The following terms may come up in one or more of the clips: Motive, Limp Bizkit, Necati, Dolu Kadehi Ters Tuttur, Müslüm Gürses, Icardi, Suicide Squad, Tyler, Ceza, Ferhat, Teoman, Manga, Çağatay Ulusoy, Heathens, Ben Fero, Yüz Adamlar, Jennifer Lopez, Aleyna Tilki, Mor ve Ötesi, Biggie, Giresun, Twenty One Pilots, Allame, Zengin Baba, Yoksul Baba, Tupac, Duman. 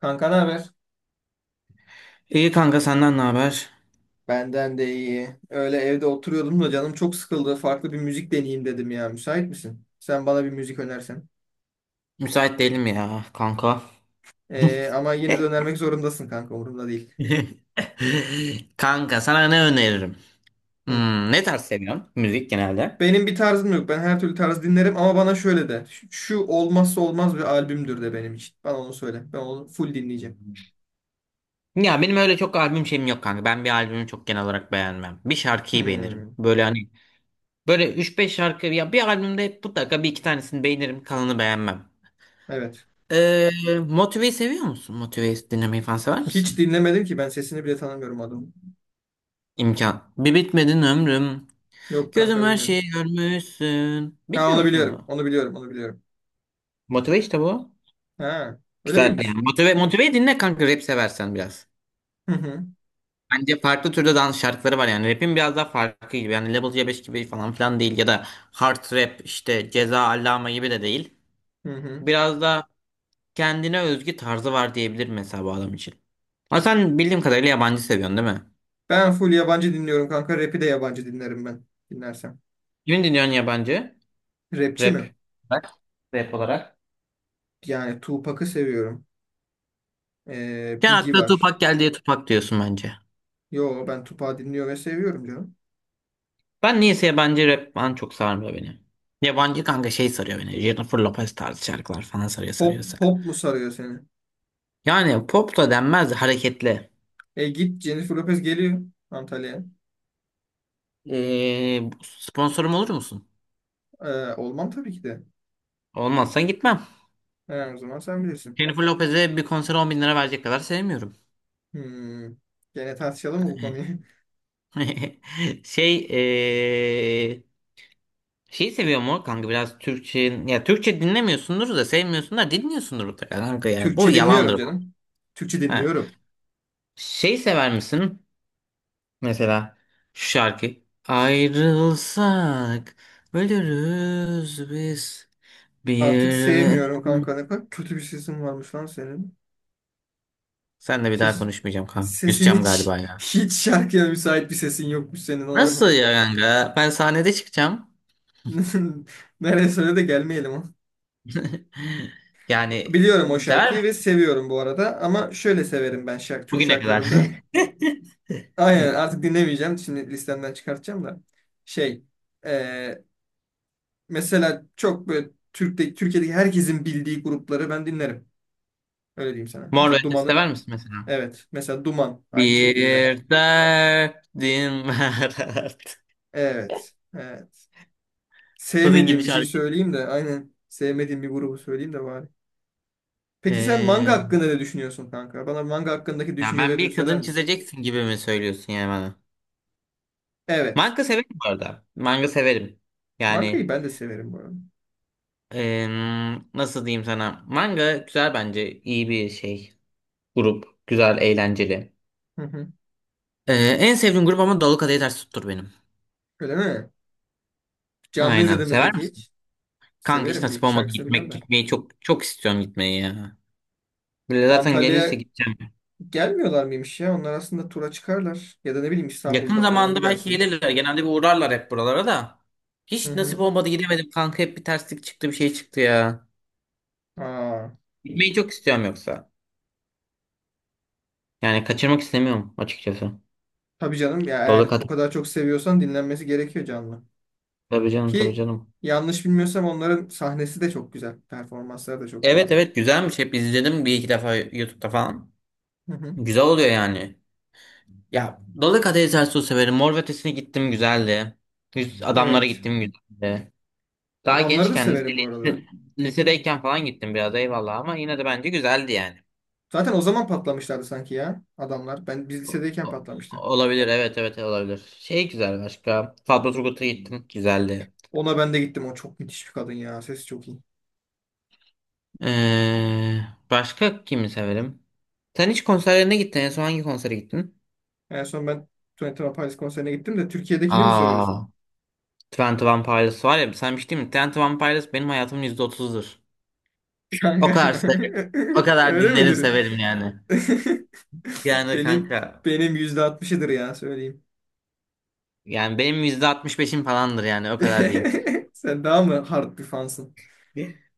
Kanka ne haber? İyi kanka, senden ne haber? Benden de iyi. Öyle evde oturuyordum da canım çok sıkıldı. Farklı bir müzik deneyeyim dedim ya. Müsait misin? Sen bana bir müzik önersen. Müsait değilim ya kanka. Ama yine de önermek zorundasın kanka. Umurumda değil. Kanka sana ne öneririm? Hı. Hmm, ne tarz seviyorsun müzik genelde? Benim bir tarzım yok. Ben her türlü tarz dinlerim ama bana şöyle de. Şu şu olmazsa olmaz bir albümdür de benim için. Bana onu söyle. Ben onu full dinleyeceğim. Ya benim öyle çok albüm şeyim yok kanka. Ben bir albümü çok genel olarak beğenmem. Bir şarkıyı Hmm. beğenirim. Böyle hani böyle üç beş şarkı, ya bir albümde hep mutlaka bir iki tanesini beğenirim, kalanı beğenmem. Evet. Ee, Motive'yi seviyor musun? Motive'yi dinlemeyi falan sever Hiç misin? dinlemedim ki. Ben sesini bile tanımıyorum adamın. İmkan. Bir bitmedin ömrüm. Yok Gözüm kanka her bilmiyorum. şeyi görmüşsün. Ha Bilmiyor onu musun biliyorum. bunu? Onu biliyorum. Onu biliyorum. Motive işte bu. Ha öyle Güzel yani. miymiş? Motive, motive dinle kanka, rap seversen biraz. Hı hı. Bence farklı türde dans şarkıları var yani. Rap'in biraz daha farklı gibi. Yani Level C5 gibi falan filan değil. Ya da hard rap işte, Ceza Allame gibi de değil. Hı hı. Biraz da kendine özgü tarzı var diyebilir mesela bu adam için. Ama sen bildiğim kadarıyla yabancı seviyorsun değil mi? Ben full yabancı dinliyorum kanka. Rap'i de yabancı dinlerim ben. Dinlersem. Kimin dinliyorsun yabancı? Rapçi Rap. mi? Bak. Rap olarak. Yani Tupac'ı seviyorum. Sen Biggie akla var. Tupac geldi diye Tupac diyorsun bence. Yo ben Tupac'ı dinliyor ve seviyorum canım. Ben niyeyse yabancı rap falan çok sarmıyor beni. Yabancı kanka şey sarıyor beni. Jennifer Lopez tarzı şarkılar falan sarıyor, Pop, sarıyorsa. pop mu sarıyor seni? Yani pop da denmez de hareketli. E git Jennifer Lopez geliyor Antalya'ya. Ee, sponsorum olur musun? Olmam tabii ki de. Olmazsan gitmem. He, o zaman sen bilirsin. Jennifer Lopez'e bir konsere 10 bin lira verecek kadar sevmiyorum. Hmm. Gene tartışalım mı bu konuyu? Şey şeyi seviyor mu kanka biraz Türkçe, ya Türkçe dinlemiyorsundur da sevmiyorsunlar dinliyorsundur mutlaka kanka, yani bu Türkçe dinliyorum yalandır. canım. Türkçe Ha. dinliyorum. Şey sever misin? Mesela şu şarkı. Ayrılsak ölürüz biz bir Artık ve... sevmiyorum kanka. Ne kadar kötü bir sesin varmış lan senin. Sen de, bir daha Ses, konuşmayacağım kanka. sesin Küseceğim hiç galiba ya. hiç şarkıya müsait bir sesin yokmuş senin onu Nasıl anladık. ya kanka? Ben sahnede çıkacağım. Nereye söyle de gelmeyelim o. Yani Biliyorum o sever şarkıyı misin? ve seviyorum bu arada ama şöyle severim ben şarkı, Türk Bugüne kadar. şarkılarında. Aynen artık dinlemeyeceğim. Şimdi listemden çıkartacağım da. Şey e, mesela çok böyle Türkiye'deki herkesin bildiği grupları ben dinlerim. Öyle diyeyim sana. Mor ve Mesela Ötesi Duman'ı sever misin mesela? evet. Mesela Duman aynı Bir şekilde. derdim var. artık. Evet. Evet. Bunun gibi Sevmediğim bir şey şarkı. söyleyeyim de aynen sevmediğim bir grubu söyleyeyim de bari. Peki sen manga Ee, hakkında ne düşünüyorsun kanka? Bana manga hakkındaki ya ben düşüncelerini bir söyler kadın misin? çizeceksin gibi mi söylüyorsun yani bana? Evet. Manga severim bu arada. Manga severim. Mangayı Yani ben de severim bu arada. Nasıl diyeyim sana? Manga güzel bence. İyi bir şey. Grup. Güzel, eğlenceli. Hı hı. Ee, en sevdiğim grup ama Dolu Kadehi Ters Tuttur benim. Öyle mi? Canlı Aynen. izledin mi Sever peki misin? hiç? Kanka hiç Severim. Bir nasip iki olmadı şarkısını biliyorum gitmek. ben. Gitmeyi çok çok istiyorum, gitmeyi ya. Böyle zaten gelirse Antalya'ya gideceğim. gelmiyorlar mıymış ya? Onlar aslında tura çıkarlar. Ya da ne bileyim Yakın İstanbul'da falan zamanda belki gidersin. gelirler. Genelde bir uğrarlar hep buralara da. Hı Hiç hı. nasip olmadı, gidemedim kanka. Hep bir terslik çıktı, bir şey çıktı ya. Aa, Gitmeyi çok istiyorum yoksa. Yani kaçırmak istemiyorum açıkçası. tabii canım ya Dolu eğer bu kadar çok seviyorsan dinlenmesi gerekiyor canlı. Tabii canım, tabii Ki canım. yanlış bilmiyorsam onların sahnesi de çok güzel. Performansları da çok iyi Evet, yani. evet, güzelmiş. Hep izledim bir iki defa YouTube'da falan. Hı hı. Güzel oluyor yani. Ya Dolu Kadehi Ters severim. Mor ve Ötesi'ne gittim, güzeldi. Yüz Adamlara Evet. gittim, güzeldi. Daha Adamları da gençken severim bu lise- arada. lisedeyken falan gittim biraz, eyvallah, ama yine de bence güzeldi yani. Zaten o zaman patlamışlardı sanki ya adamlar. Biz O- lisedeyken o- patlamıştı. Olabilir, evet evet olabilir. Şey güzel, başka. Fatma Turgut'a gittim, güzeldi. Ona ben de gittim. O çok müthiş bir kadın ya. Sesi çok iyi. Ee, başka kimi severim? Sen hiç konserlerine gittin, en son hangi konsere gittin? En son ben Twenty One Pilots konserine gittim de Türkiye'dekini mi soruyorsun? Aa. Twenty One Pilots var ya, sen bir şey diyeyim mi? Twenty One Pilots benim hayatımın %30'udur. Kanka. O kadar se- o kadar Öyle dinlerim midir? severim yani. Yani Benim kanka, benim %60'ıdır ya söyleyeyim. yani benim %65'im falandır yani, o kadar diyeyim. Sen daha mı hard bir fansın?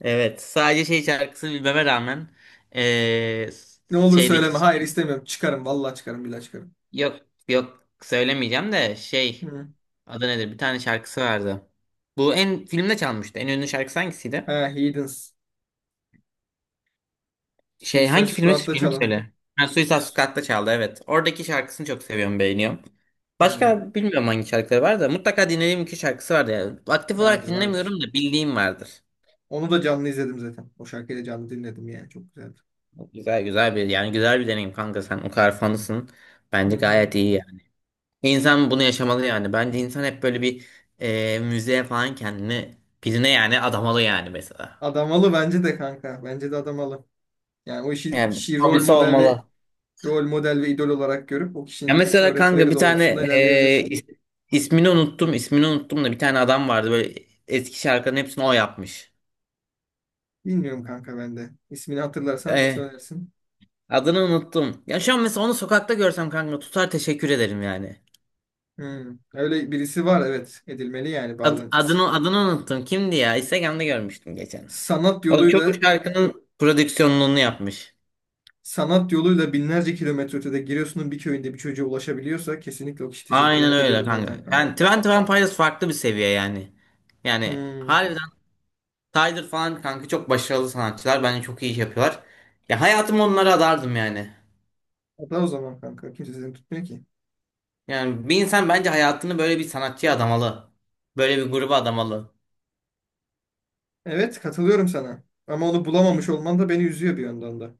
Evet, sadece şey şarkısı bilmeme rağmen, eee, Ne olur şeydeki, söyleme. Hayır istemiyorum. Çıkarım. Vallahi çıkarım. Billahi çıkarım. yok yok, söylemeyeceğim de şey, Hı. adı nedir, bir tane şarkısı vardı. Bu filmde çalmıştı. En ünlü şarkısı He, hangisiydi? Heathens. Şey Suicide hangi filmi Squad'da filmi çalan. söyle. Ha, Suicide Squad'da çaldı, evet. Oradaki şarkısını çok seviyorum, beğeniyorum. Hı. Başka bilmiyorum hangi şarkıları var da mutlaka dinlediğim iki şarkısı vardı yani. Aktif olarak Vardır vardır. dinlemiyorum da bildiğim vardır. Onu da canlı izledim zaten. O şarkıyı da canlı dinledim yani. Çok güzeldi. Güzel güzel bir, yani güzel bir deneyim kanka, sen o kadar fanısın. Hı Bence hı. gayet iyi yani. İnsan bunu yaşamalı yani. Bence insan hep böyle bir müzeye falan kendini, birine yani adamalı yani mesela. Adamalı bence de kanka. Bence de adamalı. Yani o işi, Yani kişiyi hobisi olmalı. rol model ve idol olarak görüp o Ya kişinin mesela kanka öğretileri bir tane doğrultusunda e, ilerleyebilir. is- ismini unuttum, ismini unuttum da, bir tane adam vardı böyle, eski şarkıların hepsini o yapmış. Bilmiyorum kanka ben de. İsmini hatırlarsan E, söylersin. adını unuttum. Ya şu an mesela onu sokakta görsem kanka tutar teşekkür ederim yani. Hı. Öyle birisi var evet. Edilmeli yani Ad- bazen. Adını adını unuttum. Kimdi ya? Instagram'da görmüştüm geçen. Sanat O da çok bu yoluyla şarkının prodüksiyonluğunu yapmış. Sanat yoluyla binlerce kilometre ötede Giresun'un bir köyünde bir çocuğa ulaşabiliyorsa kesinlikle o kişi teşekkür Aynen hak öyle ediyordur kanka. zaten Yani kanka. Twenty One Pilots farklı bir seviye yani. Yani Hmm. harbiden Tyler falan kanka, çok başarılı sanatçılar. Bence çok iyi iş yapıyorlar. Ya hayatımı onlara adardım yani. Hatta o zaman kanka. Kimse seni tutmuyor ki. Yani bir insan bence hayatını böyle bir sanatçıya adamalı. Böyle bir gruba adamalı. Evet katılıyorum sana. Ama onu bulamamış olman da beni üzüyor bir yandan da.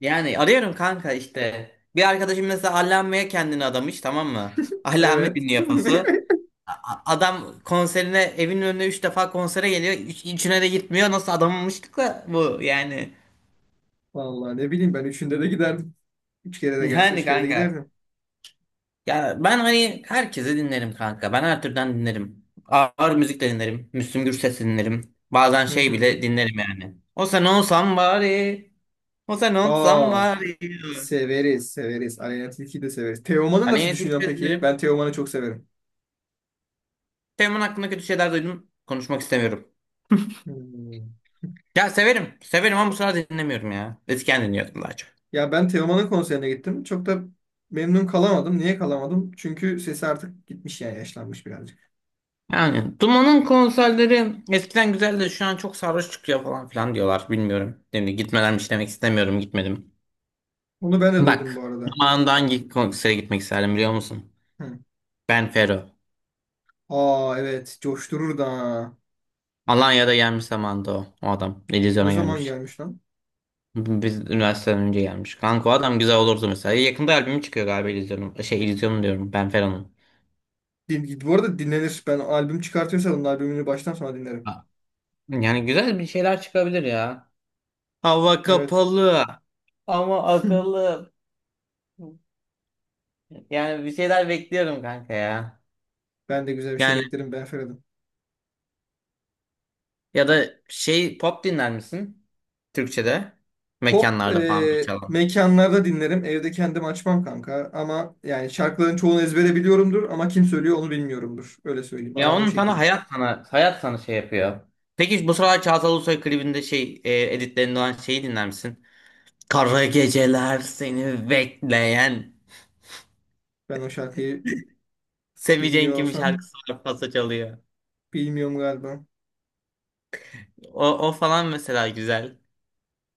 Yani arıyorum kanka işte. Bir arkadaşım mesela Allame'ye kendini adamış, tamam mı? Allame Evet. dinliyor pası. Adam konserine, evinin önüne 3 defa konsere geliyor. Üçüne de gitmiyor. Nasıl adamamıştık da bu yani. Vallahi ne bileyim ben üçünde de giderdim. Üç kere de gelse Yani üç kere de kanka. giderdim. Ya ben hani herkese dinlerim kanka. Ben her türden dinlerim. Ağır müzik de dinlerim. Müslüm Gürses dinlerim. Bazen Hı şey hı. bile dinlerim yani. O sen olsam bari. Hosen olsam Aa, var ya. severiz severiz. Aleyna Tilki'yi de severiz. Teoman'ı nasıl Aleyhine düşünüyorsun Tilki'yi peki? dinlerim. Ben Teoman'ı çok severim. Teoman hakkında kötü şeyler duydum. Konuşmak istemiyorum. Hmm. Ya severim. Severim ama bu sıralar dinlemiyorum ya. Eskiden dinliyordum daha çok. Ya ben Teoman'ın konserine gittim. Çok da memnun kalamadım. Niye kalamadım? Çünkü sesi artık gitmiş yani yaşlanmış birazcık. Yani Duman'ın konserleri eskiden güzeldi. Şu an çok sarhoş çıkıyor falan filan diyorlar. Bilmiyorum. Şimdi gitmelermiş demek istemiyorum. Gitmedim. Onu ben de duydum bu Bak. arada. Zamanında hangi konsere gitmek isterdim biliyor musun? Hı. Ben Fero. Aa evet coşturur da. Alanya'da gelmiş zamanında o. O adam. Ne İllüzyona zaman gelmiş. gelmiş lan? Biz üniversiteden önce gelmiş. Kanka o adam güzel olurdu mesela. Yakında albümü çıkıyor galiba İllüzyon'un. Şey İllüzyon'un diyorum, Ben Fero'nun. Bu arada dinlenir. Ben albüm çıkartıyorsa onun albümünü baştan sona dinlerim. Ha, yani güzel bir şeyler çıkabilir ya. Hava Evet. kapalı ama akıllı. Yani bir şeyler bekliyorum kanka ya. Ben de güzel bir şey Yani beklerim ben Ferhat'ım. ya da şey, pop dinler misin Türkçe'de? Pop Mekanlarda falan bir e, çalan. mekanlarda dinlerim. Evde kendim açmam kanka. Ama yani şarkıların çoğunu ezbere biliyorumdur ama kim söylüyor onu bilmiyorumdur. Öyle söyleyeyim. Ya Aram o onun sana şekil. hayat, sana hayat, sana şey yapıyor. Peki bu sıralar Çağatay Ulusoy klibinde, şey editlerinde olan şeyi dinler misin? Kara geceler seni bekleyen. Ben o şarkıyı Seveceğin bilmiyor kimi olsam. şarkısı var, pasa çalıyor. Bilmiyorum galiba. O falan mesela güzel.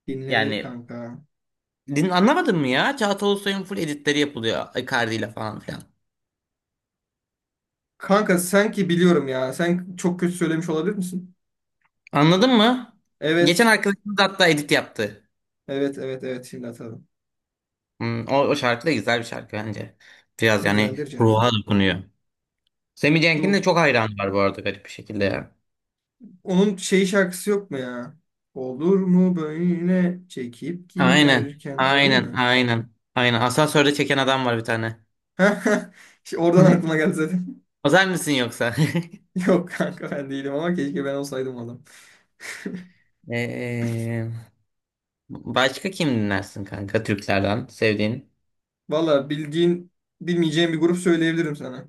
Dinlenir Yani kanka. Anlamadın mı ya? Çağatay Ulusoy'un full editleri yapılıyor, Icardi ile falan filan. Kanka sanki biliyorum ya. Sen çok kötü söylemiş olabilir misin? Anladın mı? Geçen Evet. arkadaşımız hatta edit yaptı. Evet evet evet şimdi atalım. O şarkı da güzel bir şarkı bence. Biraz yani Güzeldir ruha canım. dokunuyor. Semih Cenk'in Ruh. de çok hayranı var bu arada, garip bir şekilde ya. Onun şey şarkısı yok mu ya? Olur mu böyle çekip Aynen. giderken. O değil Aynen. mi? Aynen. Aynen. Asansörde çeken adam var bir tane. İşte oradan aklıma geldi zaten. Özel misin yoksa? Yok kanka ben değilim ama keşke ben olsaydım o adam. Ee, başka kim dinlersin kanka, Türklerden sevdiğin? Valla bildiğin bilmeyeceğim bir grup söyleyebilirim sana.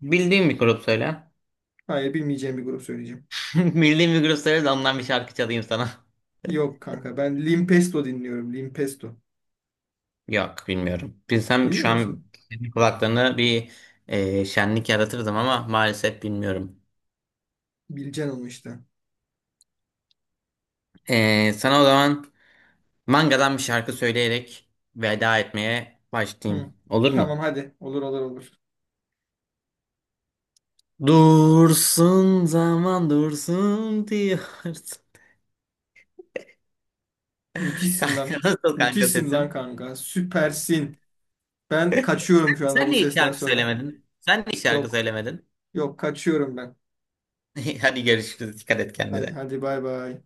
Bildiğin bir grup söyle. Hayır bilmeyeceğim bir grup söyleyeceğim. Bildiğin bir grup söyle de ondan bir şarkı çalayım sana. Yok kanka ben Limp Bizkit dinliyorum. Limp Bizkit. Yok, bilmiyorum. Bilsem şu Bilmiyor an musun? senin kulaklarına bir şenlik yaratırdım ama maalesef bilmiyorum. Bileceksin onu işte. Sana o zaman mangadan bir şarkı söyleyerek veda etmeye Hı. başlayayım. Olur mu? Tamam hadi. Olur olur olur. Dursun zaman dursun diyorsun. Müthişsin Kanka lan. nasıl kanka Müthişsin lan sesim? kanka. Süpersin. Ben kaçıyorum şu anda Sen bu niye sesten şarkı sonra. söylemedin? Sen niye şarkı Yok. söylemedin? Yok kaçıyorum ben. Hadi görüşürüz. Dikkat et Hadi, kendine. hadi bay bay.